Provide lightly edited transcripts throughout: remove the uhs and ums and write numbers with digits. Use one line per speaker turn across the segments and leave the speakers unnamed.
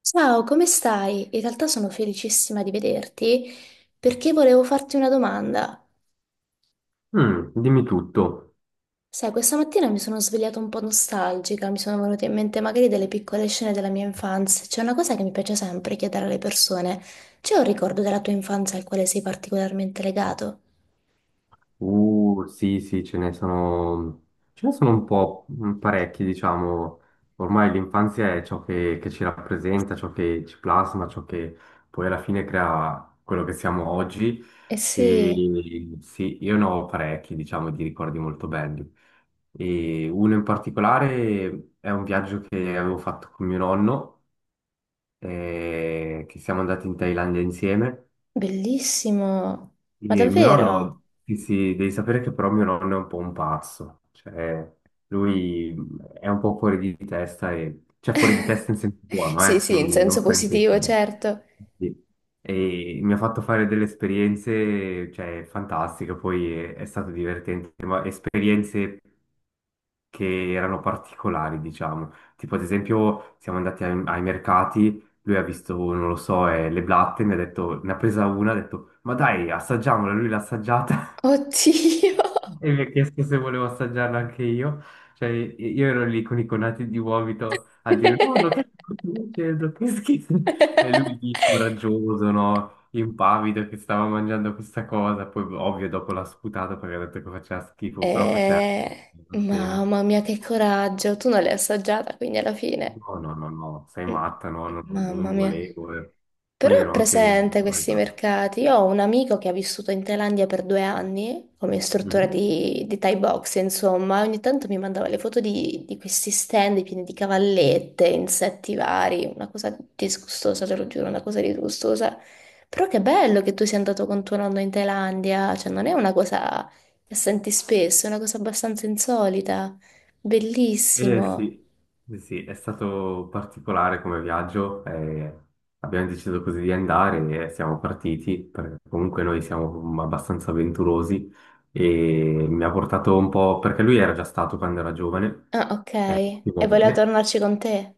Ciao, come stai? In realtà sono felicissima di vederti perché volevo farti una domanda.
Mm, dimmi tutto.
Sai, questa mattina mi sono svegliata un po' nostalgica, mi sono venute in mente magari delle piccole scene della mia infanzia. C'è una cosa che mi piace sempre chiedere alle persone. C'è un ricordo della tua infanzia al quale sei particolarmente legato?
Sì, sì, ce ne sono un po' parecchi, diciamo. Ormai l'infanzia è ciò che ci rappresenta, ciò che ci plasma, ciò che poi alla fine crea quello che siamo oggi.
Eh sì,
E sì, io ne ho parecchi, diciamo, di ricordi molto belli. E uno in particolare è un viaggio che avevo fatto con mio nonno, che siamo andati in Thailandia insieme.
bellissimo.
Sì,
Ma
mio
davvero?
nonno, sì, sì, devi sapere che però mio nonno è un po' un pazzo, cioè lui è un po' fuori di testa, e, cioè fuori di testa in senso buono,
Sì, sì, in
non
senso
fa
positivo,
intendere.
certo.
Sì. E mi ha fatto fare delle esperienze, cioè, fantastiche, poi è stato divertente, ma esperienze che erano particolari, diciamo. Tipo, ad esempio, siamo andati ai mercati, lui ha visto, non lo so, le blatte, mi ha detto, ne ha presa una, ha detto, ma dai, assaggiamola, lui l'ha assaggiata
Oddio.
e mi ha chiesto se volevo assaggiarla anche io. Cioè, io ero lì con i conati di vomito a dire, no, no, che sto facendo, che schifo. E lui lì, coraggioso, no, impavido, che stava mangiando questa cosa, poi ovvio dopo l'ha sputato perché ha detto che faceva schifo, però faceva una scena.
Mamma mia, che coraggio! Tu non l'hai assaggiata, quindi alla fine.
No, no, no, no, sei
Mm.
matta, no, no, no, non
Mamma mia.
volevo. Eh.
Però
Poi
ho
ero anche...
presente questi mercati. Io ho un amico che ha vissuto in Thailandia per 2 anni come istruttore
Mhm.
di, Thai box, insomma, ogni tanto mi mandava le foto di, questi stand pieni di cavallette, insetti vari, una cosa disgustosa, te lo giuro, una cosa disgustosa. Però che bello che tu sia andato con tuo nonno in Thailandia, cioè non è una cosa che senti spesso, è una cosa abbastanza insolita.
Eh
Bellissimo.
sì, sì, sì, è stato particolare come viaggio, abbiamo deciso così di andare e siamo partiti, perché comunque noi siamo abbastanza avventurosi e mi ha portato un po', perché lui era già stato quando era giovane,
Ah, ok.
più
E voleva
volte.
tornarci con te.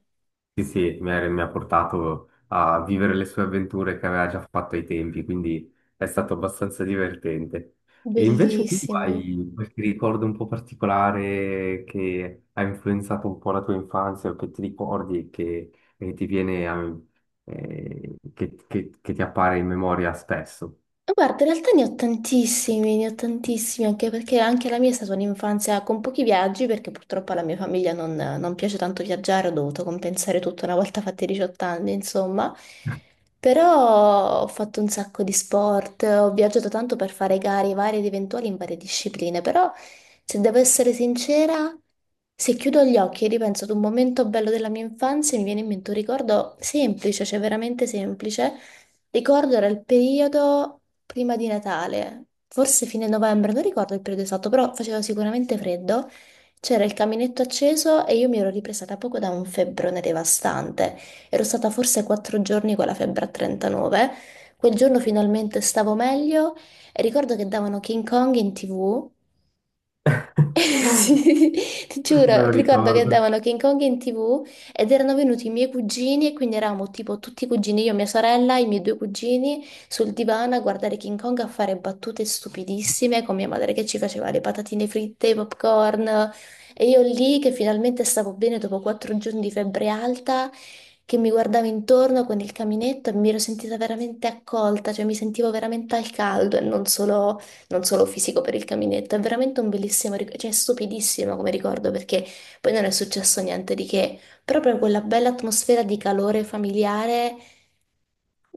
Sì, sì, mi ha portato a vivere le sue avventure che aveva già fatto ai tempi, quindi è stato abbastanza divertente. E invece tu
Bellissimo.
hai qualche ricordo un po' particolare che ha influenzato un po' la tua infanzia o che ti ricordi e e ti che ti appare in memoria spesso?
Guarda, in realtà ne ho tantissimi, anche perché anche la mia è stata un'infanzia con pochi viaggi, perché purtroppo alla mia famiglia non, piace tanto viaggiare, ho dovuto compensare tutto una volta fatti i 18 anni, insomma. Però ho fatto un sacco di sport, ho viaggiato tanto per fare gare varie ed eventuali in varie discipline, però se devo essere sincera, se chiudo gli occhi e ripenso ad un momento bello della mia infanzia, mi viene in mente un ricordo semplice, cioè veramente semplice. Ricordo era il periodo prima di Natale, forse fine novembre, non ricordo il periodo esatto, però faceva sicuramente freddo. C'era il caminetto acceso e io mi ero ripresa da poco da un febbrone devastante. Ero stata forse 4 giorni con la febbre a 39. Quel giorno finalmente stavo meglio e ricordo che davano King Kong in TV.
Me
Sì, ti giuro,
lo
ti ricordo che
ricordo.
davano King Kong in TV ed erano venuti i miei cugini e quindi eravamo tipo tutti i cugini, io, mia sorella, i miei due cugini sul divano a guardare King Kong a fare battute stupidissime con mia madre che ci faceva le patatine fritte, i popcorn e io lì che finalmente stavo bene dopo 4 giorni di febbre alta che mi guardavo intorno con il caminetto e mi ero sentita veramente accolta, cioè mi sentivo veramente al caldo e non solo, non solo fisico per il caminetto. È veramente un bellissimo, cioè è stupidissimo come ricordo perché poi non è successo niente di che, però proprio quella bella atmosfera di calore familiare,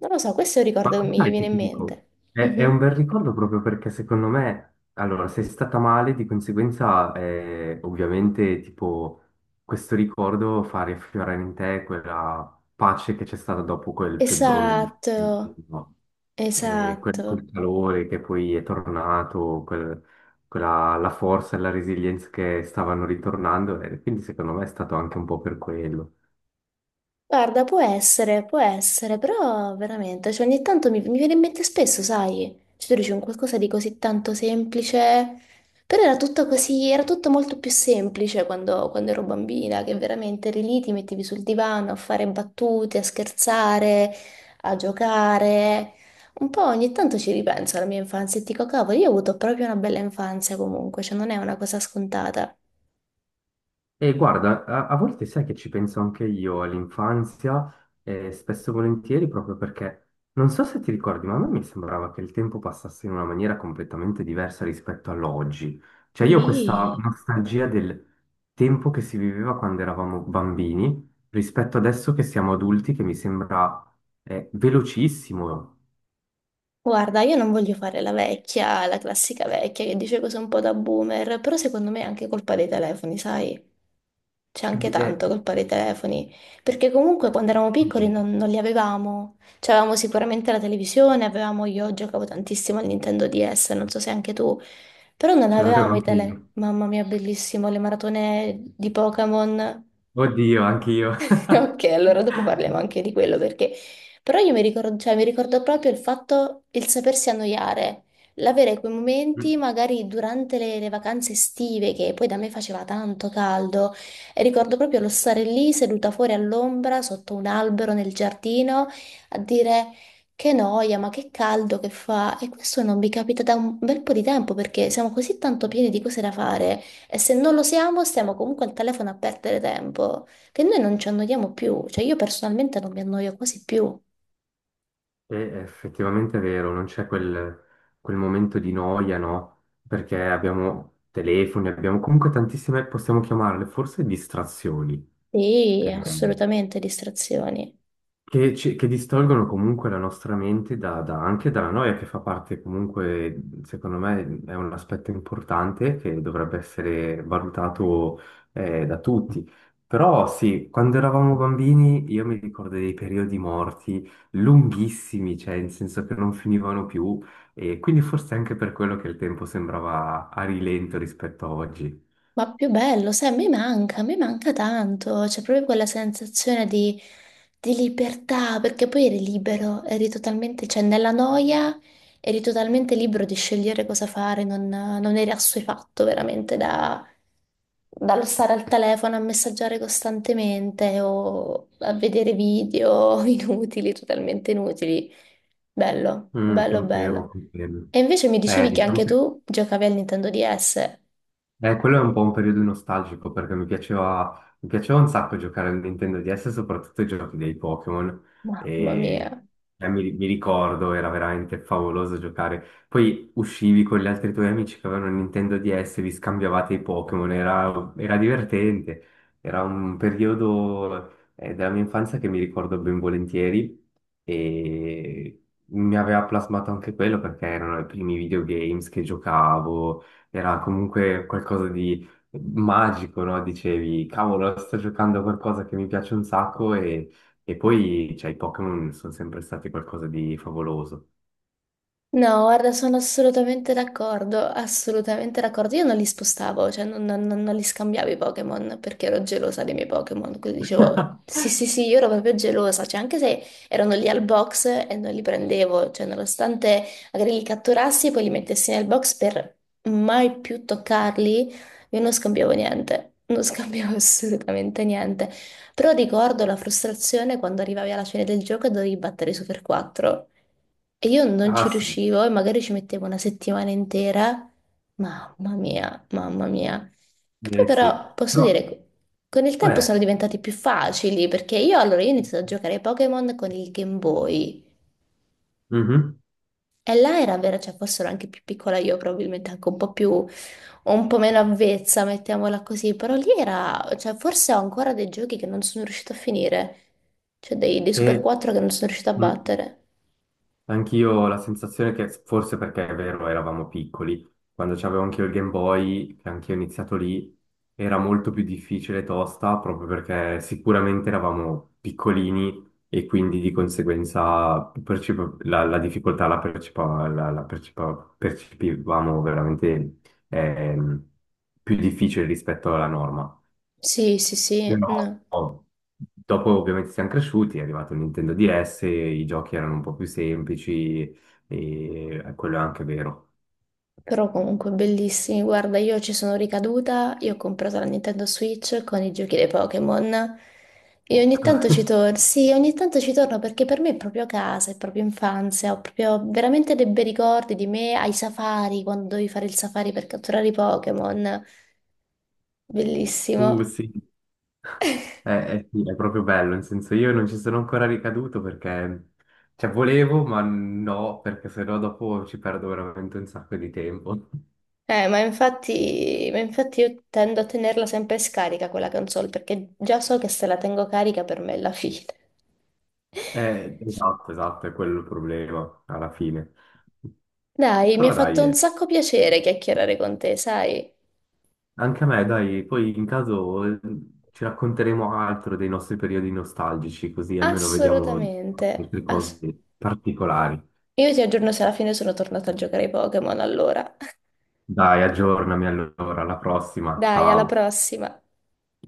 non lo so, questo è un
Ma
ricordo che mi
sai
viene
che
in
ti dico,
mente.
è un
Mhm.
bel ricordo proprio perché secondo me, allora, sei stata male, di conseguenza, ovviamente, tipo, questo ricordo fa riaffiorare in te quella pace che c'è stata dopo quel febbrone difficile,
Esatto,
no?
esatto.
Quel calore che poi è tornato, quella, la forza e la resilienza che stavano ritornando, e quindi secondo me è stato anche un po' per quello.
Guarda, può essere, però veramente, cioè ogni tanto mi viene in mente spesso, sai? Cioè tu dici un qualcosa di così tanto semplice, però era tutto così, era tutto molto più semplice quando ero bambina, che veramente eri lì, ti mettevi sul divano a fare battute, a scherzare, a giocare. Un po' ogni tanto ci ripenso alla mia infanzia e dico, cavolo, io ho avuto proprio una bella infanzia comunque, cioè non è una cosa scontata.
E guarda, a volte sai che ci penso anche io all'infanzia, spesso e volentieri, proprio perché non so se ti ricordi, ma a me mi sembrava che il tempo passasse in una maniera completamente diversa rispetto all'oggi. Cioè io ho questa
Sì.
nostalgia del tempo che si viveva quando eravamo bambini rispetto adesso che siamo adulti, che mi sembra, velocissimo.
Guarda, io non voglio fare la vecchia, la classica vecchia che dice cose un po' da boomer, però secondo me è anche colpa dei telefoni, sai? C'è anche
Di- eh,
tanto colpa dei telefoni, perché comunque quando eravamo piccoli non, li avevamo. C'avevamo sicuramente la televisione, avevamo, io giocavo tantissimo al Nintendo DS, non so se anche tu, però non
ce l'avevo
avevamo i
anche
tele.
io.
Mamma mia, bellissimo, le maratone di Pokémon.
Oddio, anche io.
Ok, allora dopo parliamo anche di quello perché... Però io mi ricordo, cioè, mi ricordo proprio il fatto, il sapersi annoiare, l'avere quei momenti magari durante le vacanze estive che poi da me faceva tanto caldo e ricordo proprio lo stare lì seduta fuori all'ombra sotto un albero nel giardino a dire che noia, ma che caldo che fa e questo non mi capita da un bel po' di tempo perché siamo così tanto pieni di cose da fare e se non lo siamo stiamo comunque al telefono a perdere tempo che noi non ci annoiamo più, cioè io personalmente non mi annoio quasi più.
È effettivamente vero, non c'è quel momento di noia, no? Perché abbiamo telefoni, abbiamo comunque tantissime, possiamo chiamarle forse distrazioni.
Sì,
Vero.
assolutamente distrazioni.
Che, che distolgono comunque la nostra mente anche dalla noia, che fa parte comunque, secondo me, è un aspetto importante che dovrebbe essere valutato da tutti. Però sì, quando eravamo bambini io mi ricordo dei periodi morti lunghissimi, cioè in senso che non finivano più, e quindi forse anche per quello che il tempo sembrava a rilento rispetto a oggi.
Ma più bello, sai, a me manca tanto, c'è proprio quella sensazione di libertà, perché poi eri libero, eri totalmente, cioè nella noia eri totalmente libero di scegliere cosa fare, non, eri assuefatto veramente da, dallo stare al telefono a messaggiare costantemente o a vedere video inutili, totalmente inutili. Bello,
Mm,
bello,
confermo,
bello.
confermo.
E invece mi dicevi che
Diciamo
anche
che
tu giocavi al Nintendo DS.
Quello è un po' un periodo nostalgico perché mi piaceva un sacco giocare al Nintendo DS, soprattutto i giochi dei Pokémon.
Mamma
E
mia.
mi ricordo, era veramente favoloso giocare. Poi uscivi con gli altri tuoi amici che avevano il Nintendo DS, vi scambiavate i Pokémon, era divertente. Era un periodo della mia infanzia che mi ricordo ben volentieri e mi aveva plasmato anche quello perché erano i primi videogames che giocavo, era comunque qualcosa di magico, no? Dicevi, cavolo, sto giocando a qualcosa che mi piace un sacco e poi, cioè, i Pokémon sono sempre stati qualcosa di favoloso.
No, guarda, sono assolutamente d'accordo, assolutamente d'accordo. Io non li spostavo, cioè non, non li scambiavo i Pokémon perché ero gelosa dei miei Pokémon. Quindi dicevo, sì, sì, sì, io ero proprio gelosa, cioè anche se erano lì al box e non li prendevo, cioè nonostante magari li catturassi e poi li mettessi nel box per mai più toccarli, io non scambiavo niente, non scambiavo assolutamente niente. Però ricordo la frustrazione quando arrivavi alla fine del gioco e dovevi battere i Super 4. E io non
Ah
ci
sì,
riuscivo e magari ci mettevo una settimana intera. Mamma mia, mamma mia. Che poi
eh sì.
però posso
No.
dire, con il tempo sono
Eh,
diventati più facili perché io allora io ho iniziato a giocare ai Pokémon con il Game Boy.
mhm.
E là era vera, cioè forse ero anche più piccola io, probabilmente anche un po' più, un po' meno avvezza, mettiamola così, però lì era, cioè forse ho ancora dei giochi che non sono riuscita a finire, cioè dei,
E,
Super 4 che non sono riuscita a
mm.
battere.
Anch'io ho la sensazione che forse perché è vero, eravamo piccoli, quando c'avevo anch'io il Game Boy, che anch'io ho iniziato lì, era molto più difficile e tosta proprio perché sicuramente eravamo piccolini e quindi di conseguenza la difficoltà la, percepa- la- la percepa- percepivamo veramente ehm, più difficile rispetto alla norma.
Sì, sì, sì,
Però
no.
dopo ovviamente siamo cresciuti, è arrivato il Nintendo DS, i giochi erano un po' più semplici e quello è anche vero.
Però comunque bellissimi. Guarda, io ci sono ricaduta, io ho comprato la Nintendo Switch con i giochi dei Pokémon e ogni tanto ci torno. Sì, ogni tanto ci torno perché per me è proprio casa, è proprio infanzia, ho proprio veramente dei bei ricordi di me ai safari, quando dovevi fare il safari per catturare i Pokémon.
Uh,
Bellissimo.
sì, eh, sì, è proprio bello, nel senso io non ci sono ancora ricaduto perché, cioè volevo, ma no, perché sennò dopo ci perdo veramente un sacco di tempo.
Ma infatti io tendo a tenerla sempre scarica quella console perché già so che se la tengo carica per me è la fine.
Esatto, esatto, è quello il problema alla fine.
Dai, mi ha
Però dai,
fatto un
eh.
sacco piacere chiacchierare con te, sai?
Anche a me, dai, poi in caso ci racconteremo altro dei nostri periodi nostalgici, così almeno vediamo
Assolutamente.
altre cose particolari.
Io ti aggiorno se alla fine sono tornata a giocare ai Pokémon allora.
Dai, aggiornami allora, alla prossima,
Dai, alla
ciao.
prossima.